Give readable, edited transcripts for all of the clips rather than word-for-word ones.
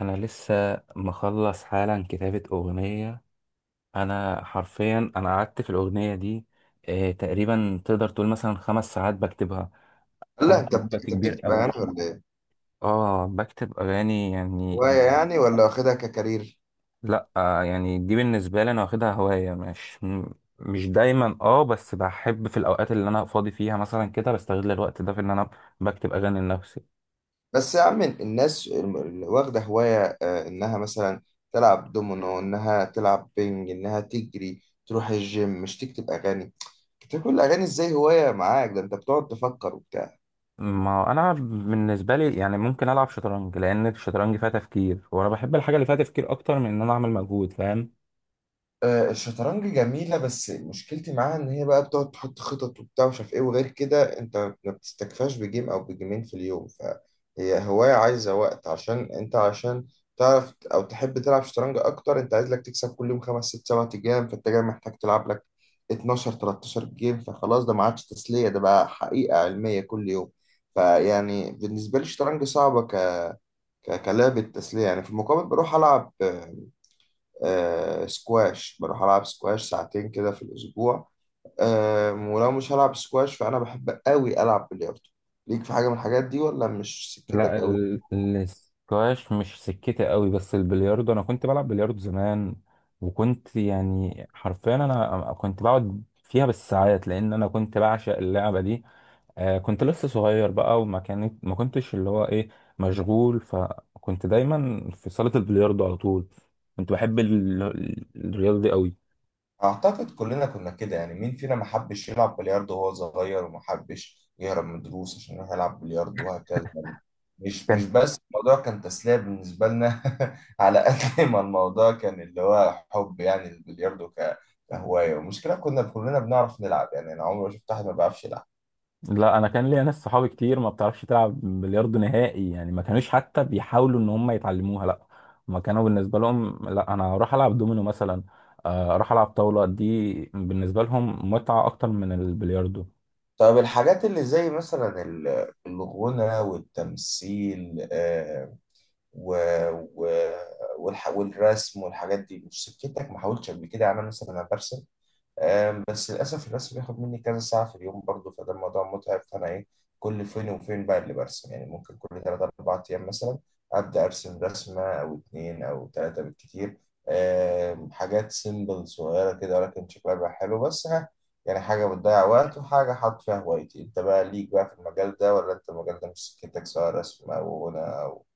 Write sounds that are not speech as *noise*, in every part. انا لسه مخلص حالا كتابة اغنية. انا حرفيا قعدت في الاغنية دي. تقريبا تقدر تقول مثلا 5 ساعات بكتبها. لا خدت انت بت- وقت انت كبير بتكتب اغاني أوي. ولا ايه؟ اه بكتب اغاني يعني. هوايه يعني ولا واخدها ككارير؟ لا، يعني دي بالنسبة لي انا واخدها هواية، مش مش دايما، بس بحب في الاوقات اللي انا فاضي فيها مثلا كده بستغل الوقت ده في ان انا بكتب اغاني لنفسي. بس يا عم الناس اللي واخده هوايه، انها مثلا تلعب دومينو، انها تلعب بينج، انها تجري، تروح الجيم، مش تكتب اغاني. تكتب كل الاغاني ازاي هوايه معاك؟ ده انت بتقعد تفكر وبتاع. ما هو انا بالنسبه لي يعني ممكن العب شطرنج، لان الشطرنج فيها تفكير، وانا بحب الحاجه اللي فيها تفكير اكتر من ان انا اعمل مجهود، فاهم؟ الشطرنج جميلة، بس مشكلتي معاها إن هي بقى بتقعد تحط خطط وبتاع ومش عارف إيه، وغير كده أنت ما بتستكفاش بجيم أو بجيمين في اليوم، فهي هواية عايزة وقت عشان أنت عشان تعرف أو تحب تلعب شطرنج أكتر. أنت عايز لك تكسب كل يوم خمس ست سبع جيم، فأنت جاي محتاج تلعب لك 12 13 جيم، فخلاص ده ما عادش تسلية، ده بقى حقيقة علمية كل يوم. فيعني بالنسبة لي الشطرنج صعبة كلعبة تسلية يعني. في المقابل بروح ألعب آه سكواش، بروح ألعب سكواش ساعتين كده في الأسبوع. آه، ولو مش هلعب سكواش فأنا بحب أوي ألعب بلياردو. ليك في حاجة من الحاجات دي ولا مش لا، سكتك أوي؟ الاسكواش مش سكتي قوي، بس البلياردو انا كنت بلعب بلياردو زمان. وكنت يعني حرفيا انا كنت بقعد فيها بالساعات، لان انا كنت بعشق اللعبه دي. كنت لسه صغير بقى، وما كانت ما كنتش اللي هو ايه مشغول، فكنت دايما في صاله البلياردو على طول. كنت بحب الرياضه دي قوي. أعتقد كلنا كنا كده يعني، مين فينا ما حبش يلعب بلياردو وهو صغير وما حبش يهرب من الدروس عشان يروح يلعب بلياردو، وهكذا يعني. مش بس الموضوع كان تسلية بالنسبة لنا *laughs* على قد ما الموضوع كان اللي هو حب يعني البلياردو كهواية. والمشكلة كنا كلنا بنعرف نلعب يعني، أنا عمري ما شفت أحد ما بيعرفش يلعب. لا، انا كان ليا ناس صحابي كتير ما بتعرفش تلعب بلياردو نهائي، يعني ما كانوش حتى بيحاولوا ان هم يتعلموها، لا. ما كانوا بالنسبه لهم، لا انا اروح العب دومينو مثلا. اروح العب طاوله، دي بالنسبه لهم متعه اكتر من البلياردو. طب الحاجات اللي زي مثلا الغنى والتمثيل، و... و... والرسم والحاجات دي مش سكتك؟ ما حاولتش قبل كده يعني؟ أنا مثلا برسم، آم، بس للأسف الرسم بياخد مني كذا ساعة في اليوم برضه، فده الموضوع متعب. فأنا إيه، كل فين وفين بقى اللي برسم يعني، ممكن كل تلات أربع أيام مثلا أبدأ أرسم رسمة أو اتنين أو تلاتة بالكتير. آم، حاجات سيمبل صغيرة كده ولكن شكلها بقى حلو بس ها، يعني حاجة بتضيع وقت وحاجة حاط فيها هوايتي. أنت بقى ليك بقى في المجال ده ولا أنت المجال ده مش سكتك، سواء رسم أو غنى أو…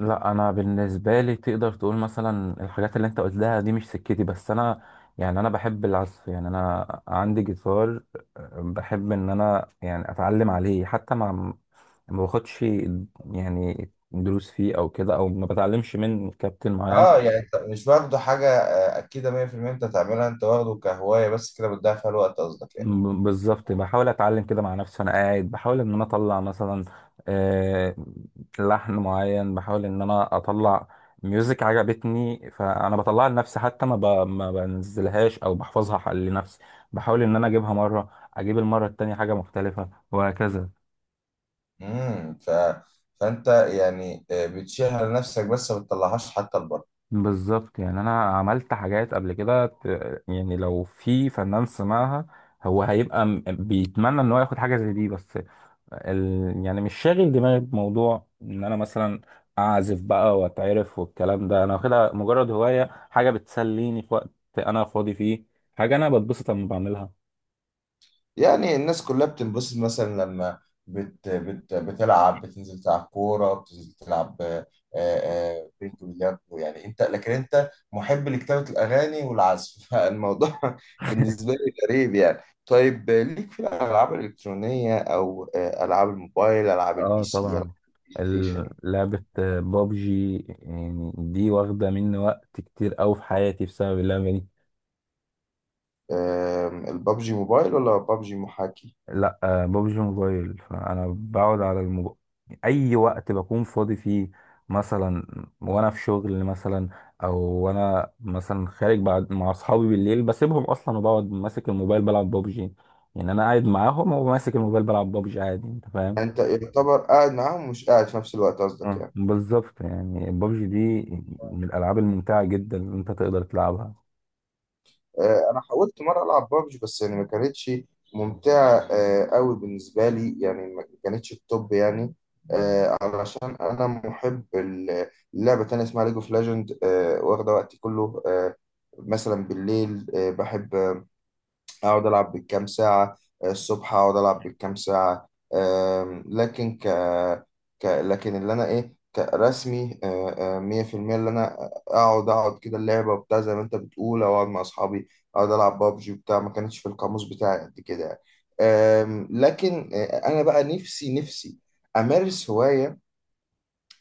لا، انا بالنسبه لي تقدر تقول مثلا الحاجات اللي انت قلتها دي مش سكتي، بس انا يعني انا بحب العزف، يعني انا عندي جيتار. بحب ان انا يعني اتعلم عليه، حتى مع ما باخدش يعني دروس فيه او كده، او ما بتعلمش من كابتن معين. اه يعني انت مش واخده حاجة أكيدة 100% أنت تعملها، أنت واخده كهواية بس، كده بتضيع فيها الوقت قصدك يعني. بالظبط، بحاول اتعلم كده مع نفسي، وانا قاعد بحاول ان انا اطلع مثلا آه، لحن معين. بحاول ان انا اطلع ميوزك عجبتني، فانا بطلعها لنفسي، حتى ما بنزلهاش او بحفظها لنفسي. بحاول ان انا اجيبها مره، اجيب المره التانية حاجه مختلفه، وهكذا. امم ف... فانت يعني، بتشيلها لنفسك بس ما بتطلعهاش حتى لبره. بالظبط، يعني انا عملت حاجات قبل كده، يعني لو في فنان سمعها هو هيبقى بيتمنى ان هو ياخد حاجه زي دي، بس يعني مش شاغل دماغي بموضوع ان انا مثلا اعزف بقى واتعرف والكلام ده. انا واخدها مجرد هوايه، حاجه بتسليني في وقت انا فاضي فيه، حاجه انا بتبسط لما بعملها. يعني الناس كلها بتنبسط مثلا لما بتلعب، بتنزل تلعب كوره، بتنزل تلعب بينج وبلياردو يعني. انت لكن انت محب لكتابه الاغاني والعزف *laughs* فالموضوع بالنسبه لي غريب يعني. طيب، ليك في الالعاب الالكترونيه، او العاب الموبايل، العاب البي اه سي، العاب طبعا، البلاي ستيشن؟ لعبة بابجي، يعني دي واخدة مني وقت كتير أوي في حياتي بسبب اللعبة دي. آم، البابجي موبايل ولا بابجي محاكي؟ لا، ببجي موبايل، فانا بقعد على الموبايل اي وقت بكون فاضي فيه، مثلا وانا في شغل، مثلا او وانا مثلا خارج بعد مع اصحابي بالليل بسيبهم اصلا، وبقعد ماسك الموبايل بلعب ببجي. يعني انا قاعد معاهم وماسك الموبايل بلعب ببجي عادي، انت فاهم؟ انت يعتبر قاعد معاهم ومش قاعد في نفس الوقت قصدك اه يعني. بالظبط، يعني ببجي دي من الالعاب الممتعه جدا اللي انت تقدر تلعبها. آه، انا حاولت مره العب بابجي بس يعني ما كانتش ممتعه قوي بالنسبه لي، يعني ما كانتش التوب يعني. آه، علشان انا محب لعبه تانية اسمها ليج اوف ليجند، واخده وقتي كله. آه، مثلا بالليل آه، بحب اقعد العب بالكام ساعه، آه، الصبح اقعد العب بالكام ساعه. آم، لكن ك... ك لكن اللي انا ايه كرسمي، 100% اللي انا اقعد كده اللعبه وبتاع زي ما انت بتقول، او اقعد مع اصحابي اقعد العب بابجي وبتاع، ما كانتش في القاموس بتاعي قد كده يعني. آم، لكن آه، انا بقى نفسي امارس هوايه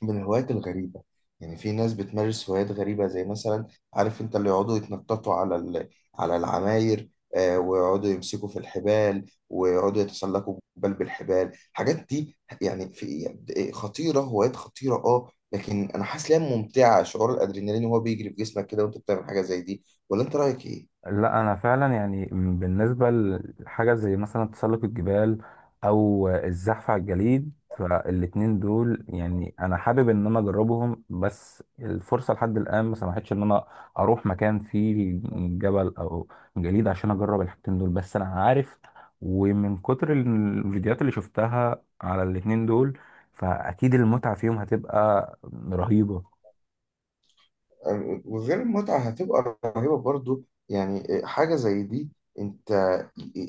من الهوايات الغريبة. يعني في ناس بتمارس هوايات غريبة زي مثلا، عارف انت اللي يقعدوا يتنططوا على العماير، آه، ويقعدوا يمسكوا في الحبال، ويقعدوا يتسلقوا جبال بالحبال. الحاجات دي يعني في خطيرة، هوايات خطيرة اه، لكن انا حاسس ليها ممتعة، شعور الادرينالين وهو بيجري في جسمك كده وانت بتعمل حاجة زي دي. ولا انت رأيك ايه؟ لا، انا فعلا يعني بالنسبه لحاجه زي مثلا تسلق الجبال، او الزحف على الجليد، فالاتنين دول يعني انا حابب ان انا اجربهم، بس الفرصه لحد الان ما سمحتش ان انا اروح مكان فيه جبل او جليد عشان اجرب الحاجتين دول، بس انا عارف، ومن كتر الفيديوهات اللي شفتها على الاتنين دول، فاكيد المتعه فيهم هتبقى رهيبه. وغير المتعة هتبقى رهيبة برضو يعني، حاجة زي دي انت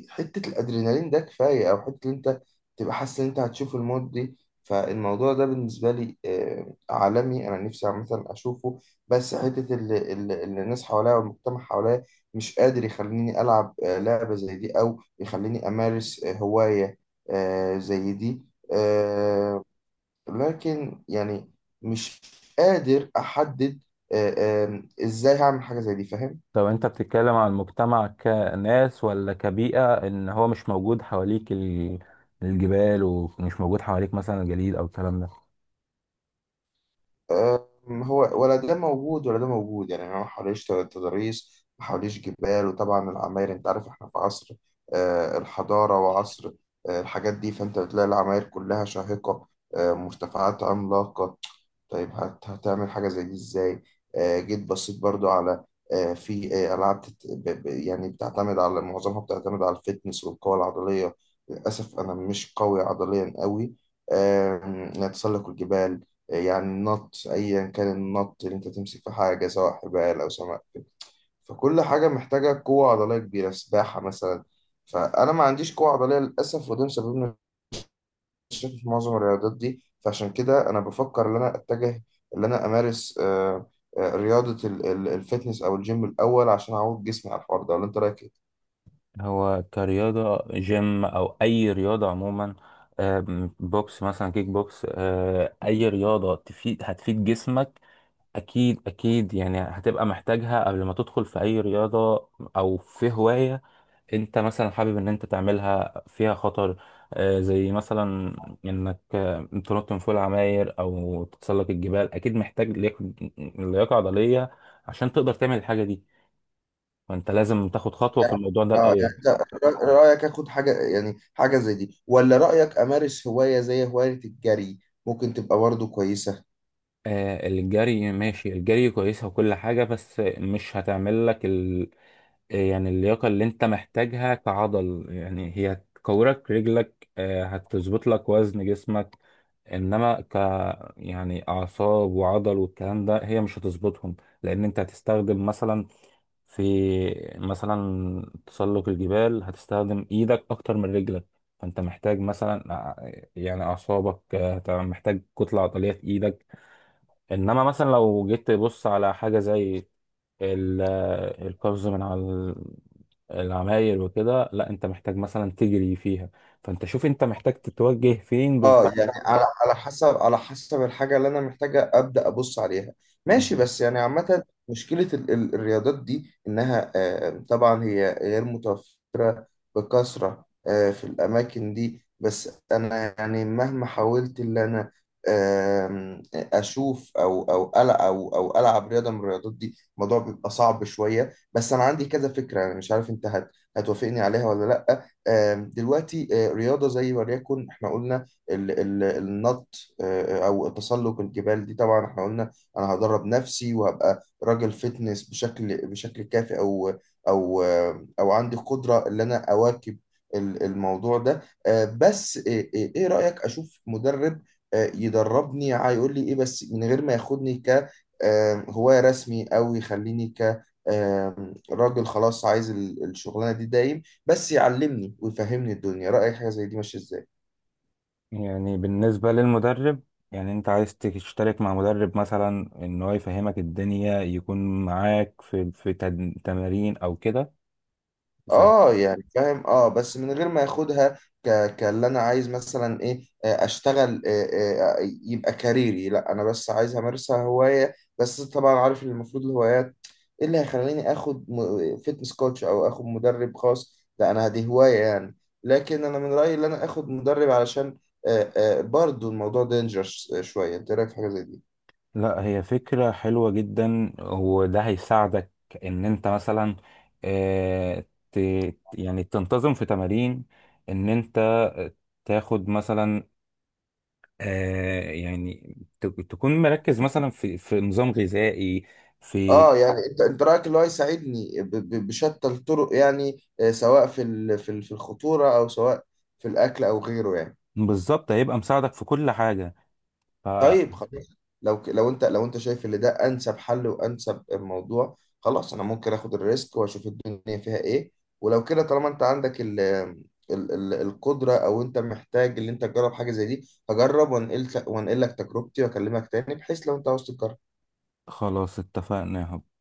حتة الأدرينالين ده كفاية، أو حتة إن أنت تبقى حاسس إن أنت هتشوف الموت دي. فالموضوع ده بالنسبة لي عالمي، أنا نفسي عامة أشوفه، بس حتة اللي الناس حواليا والمجتمع حواليا مش قادر يخليني ألعب لعبة زي دي، أو يخليني أمارس هواية زي دي. آه، لكن يعني مش قادر احدد ازاي هعمل حاجه زي دي، فاهم. طب انت بتتكلم عن المجتمع كناس ولا كبيئة، ان هو مش موجود حواليك الجبال، ومش موجود حواليك مثلا الجليد او الكلام ده؟ أم، هو ولا ده موجود ولا ده موجود يعني، انا ما حواليش تضاريس، ما حواليش جبال. وطبعا العماير انت عارف احنا في عصر الحضارة وعصر الحاجات دي، فانت بتلاقي العماير كلها شاهقة، مرتفعات عملاقة. طيب هتعمل حاجة زي دي ازاي؟ آه، جيت بصيت برضو على آه، في آه، ألعاب يعني بتعتمد على، معظمها بتعتمد على الفتنس والقوة العضلية. للأسف أنا مش قوي عضليا قوي. آم، نتسلق الجبال يعني، النط ايا كان النط اللي انت تمسك في حاجه سواء حبال او سمك، فكل حاجه محتاجه قوه عضليه كبيره، سباحه مثلا. فانا ما عنديش قوه عضليه للاسف، وده مسبب لي مشاكل في معظم الرياضات دي. فعشان كده انا بفكر ان انا اتجه ان انا امارس رياضه الفتنس او الجيم الاول عشان اعود جسمي على الحوار ده، ولا انت رايك ايه؟ هو كرياضة جيم أو أي رياضة عموما، بوكس مثلا، كيك بوكس، أي رياضة تفيد هتفيد جسمك. أكيد أكيد، يعني هتبقى محتاجها قبل ما تدخل في أي رياضة أو في هواية. انت مثلا حابب ان انت تعملها فيها خطر، زي مثلا انك تنط من فوق العماير او تتسلق الجبال، اكيد محتاج لياقة عضلية عشان تقدر تعمل الحاجة دي. فانت لازم تاخد خطوة في يعني الموضوع ده اه يعني الاول. انت رايك اخد حاجه يعني حاجه زي دي، ولا رايك امارس هوايه زي هوايه الجري؟ ممكن تبقى برضه كويسه. الجري ماشي، الجري كويسة وكل حاجة، بس مش هتعمل لك يعني اللياقة اللي انت محتاجها كعضل، يعني هي هتكورك رجلك، هتظبط لك وزن جسمك. انما يعني اعصاب وعضل والكلام ده هي مش هتظبطهم. لان انت هتستخدم مثلا، في مثلا تسلق الجبال هتستخدم ايدك اكتر من رجلك. فانت محتاج مثلا، يعني اعصابك، محتاج كتلة عضلية في ايدك. انما مثلا لو جيت تبص على حاجة زي ال- القفز من على العماير وكده، لا انت محتاج مثلا تجري فيها. فانت شوف انت محتاج تتوجه فين بالظبط. اه يعني على على حسب الحاجة اللي أنا محتاجة أبدأ أبص عليها، ماشي. بالظبط. بس يعني عامة مشكلة الرياضات دي إنها، آه، طبعا هي غير متوفرة بكثرة في الأماكن دي. بس أنا يعني مهما حاولت إن أنا آم، أشوف أو أو ألعب أو أو ألعب رياضة من الرياضات دي الموضوع بيبقى صعب شوية. بس أنا عندي كذا فكرة، أنا مش عارف أنت هتوافقني عليها ولا لأ. آم، دلوقتي رياضة زي، وليكن إحنا قلنا النط او تسلق الجبال دي، طبعا احنا قلنا انا هدرب نفسي وهبقى راجل فتنس بشكل كافي، او او او عندي قدرة ان انا اواكب الموضوع ده. آه، بس آه، آه، ايه رأيك اشوف مدرب يدربني هيقول لي ايه، بس من غير ما ياخدني ك هواية رسمي، او يخليني ك راجل خلاص عايز الشغلانة دي دايم، بس يعلمني ويفهمني الدنيا. رأيك حاجة زي دي ماشية ازاي؟ يعني بالنسبة للمدرب، يعني انت عايز تشترك مع مدرب مثلا ان هو يفهمك الدنيا، يكون معاك في تمارين او كده. ف- اه يعني فاهم، اه، بس من غير ما ياخدها كاللي انا عايز مثلا ايه اشتغل يبقى كاريري، لا انا بس عايز امارسها هواية. بس طبعا عارف ان المفروض الهوايات ايه اللي هيخليني اخد فيتنس كوتش او اخد مدرب خاص، لا انا دي هواية يعني. لكن انا من رأيي ان انا اخد مدرب علشان برضو الموضوع دينجرس شوية، انت إيه رايك في حاجة زي دي؟ لا، هي فكرة حلوة جدا وده هيساعدك ان انت مثلا اه ت يعني تنتظم في تمارين، ان انت تاخد مثلا يعني تكون مركز مثلا في نظام غذائي، في اه يعني انت رايك اللي هو يساعدني بشتى الطرق يعني، سواء في الخطوره، او سواء في الاكل او غيره يعني. بالظبط، هيبقى مساعدك في كل حاجة. طيب خلاص، لو لو انت شايف ان ده انسب حل وانسب الموضوع، خلاص انا ممكن اخد الريسك واشوف الدنيا فيها ايه. ولو كده طالما انت عندك ال ال ال القدره، او انت محتاج ان انت تجرب حاجه زي دي، هجرب وانقل لك تجربتي، واكلمك تاني بحيث لو انت عاوز تجرب. فخلاص، اتفقنا يا حب.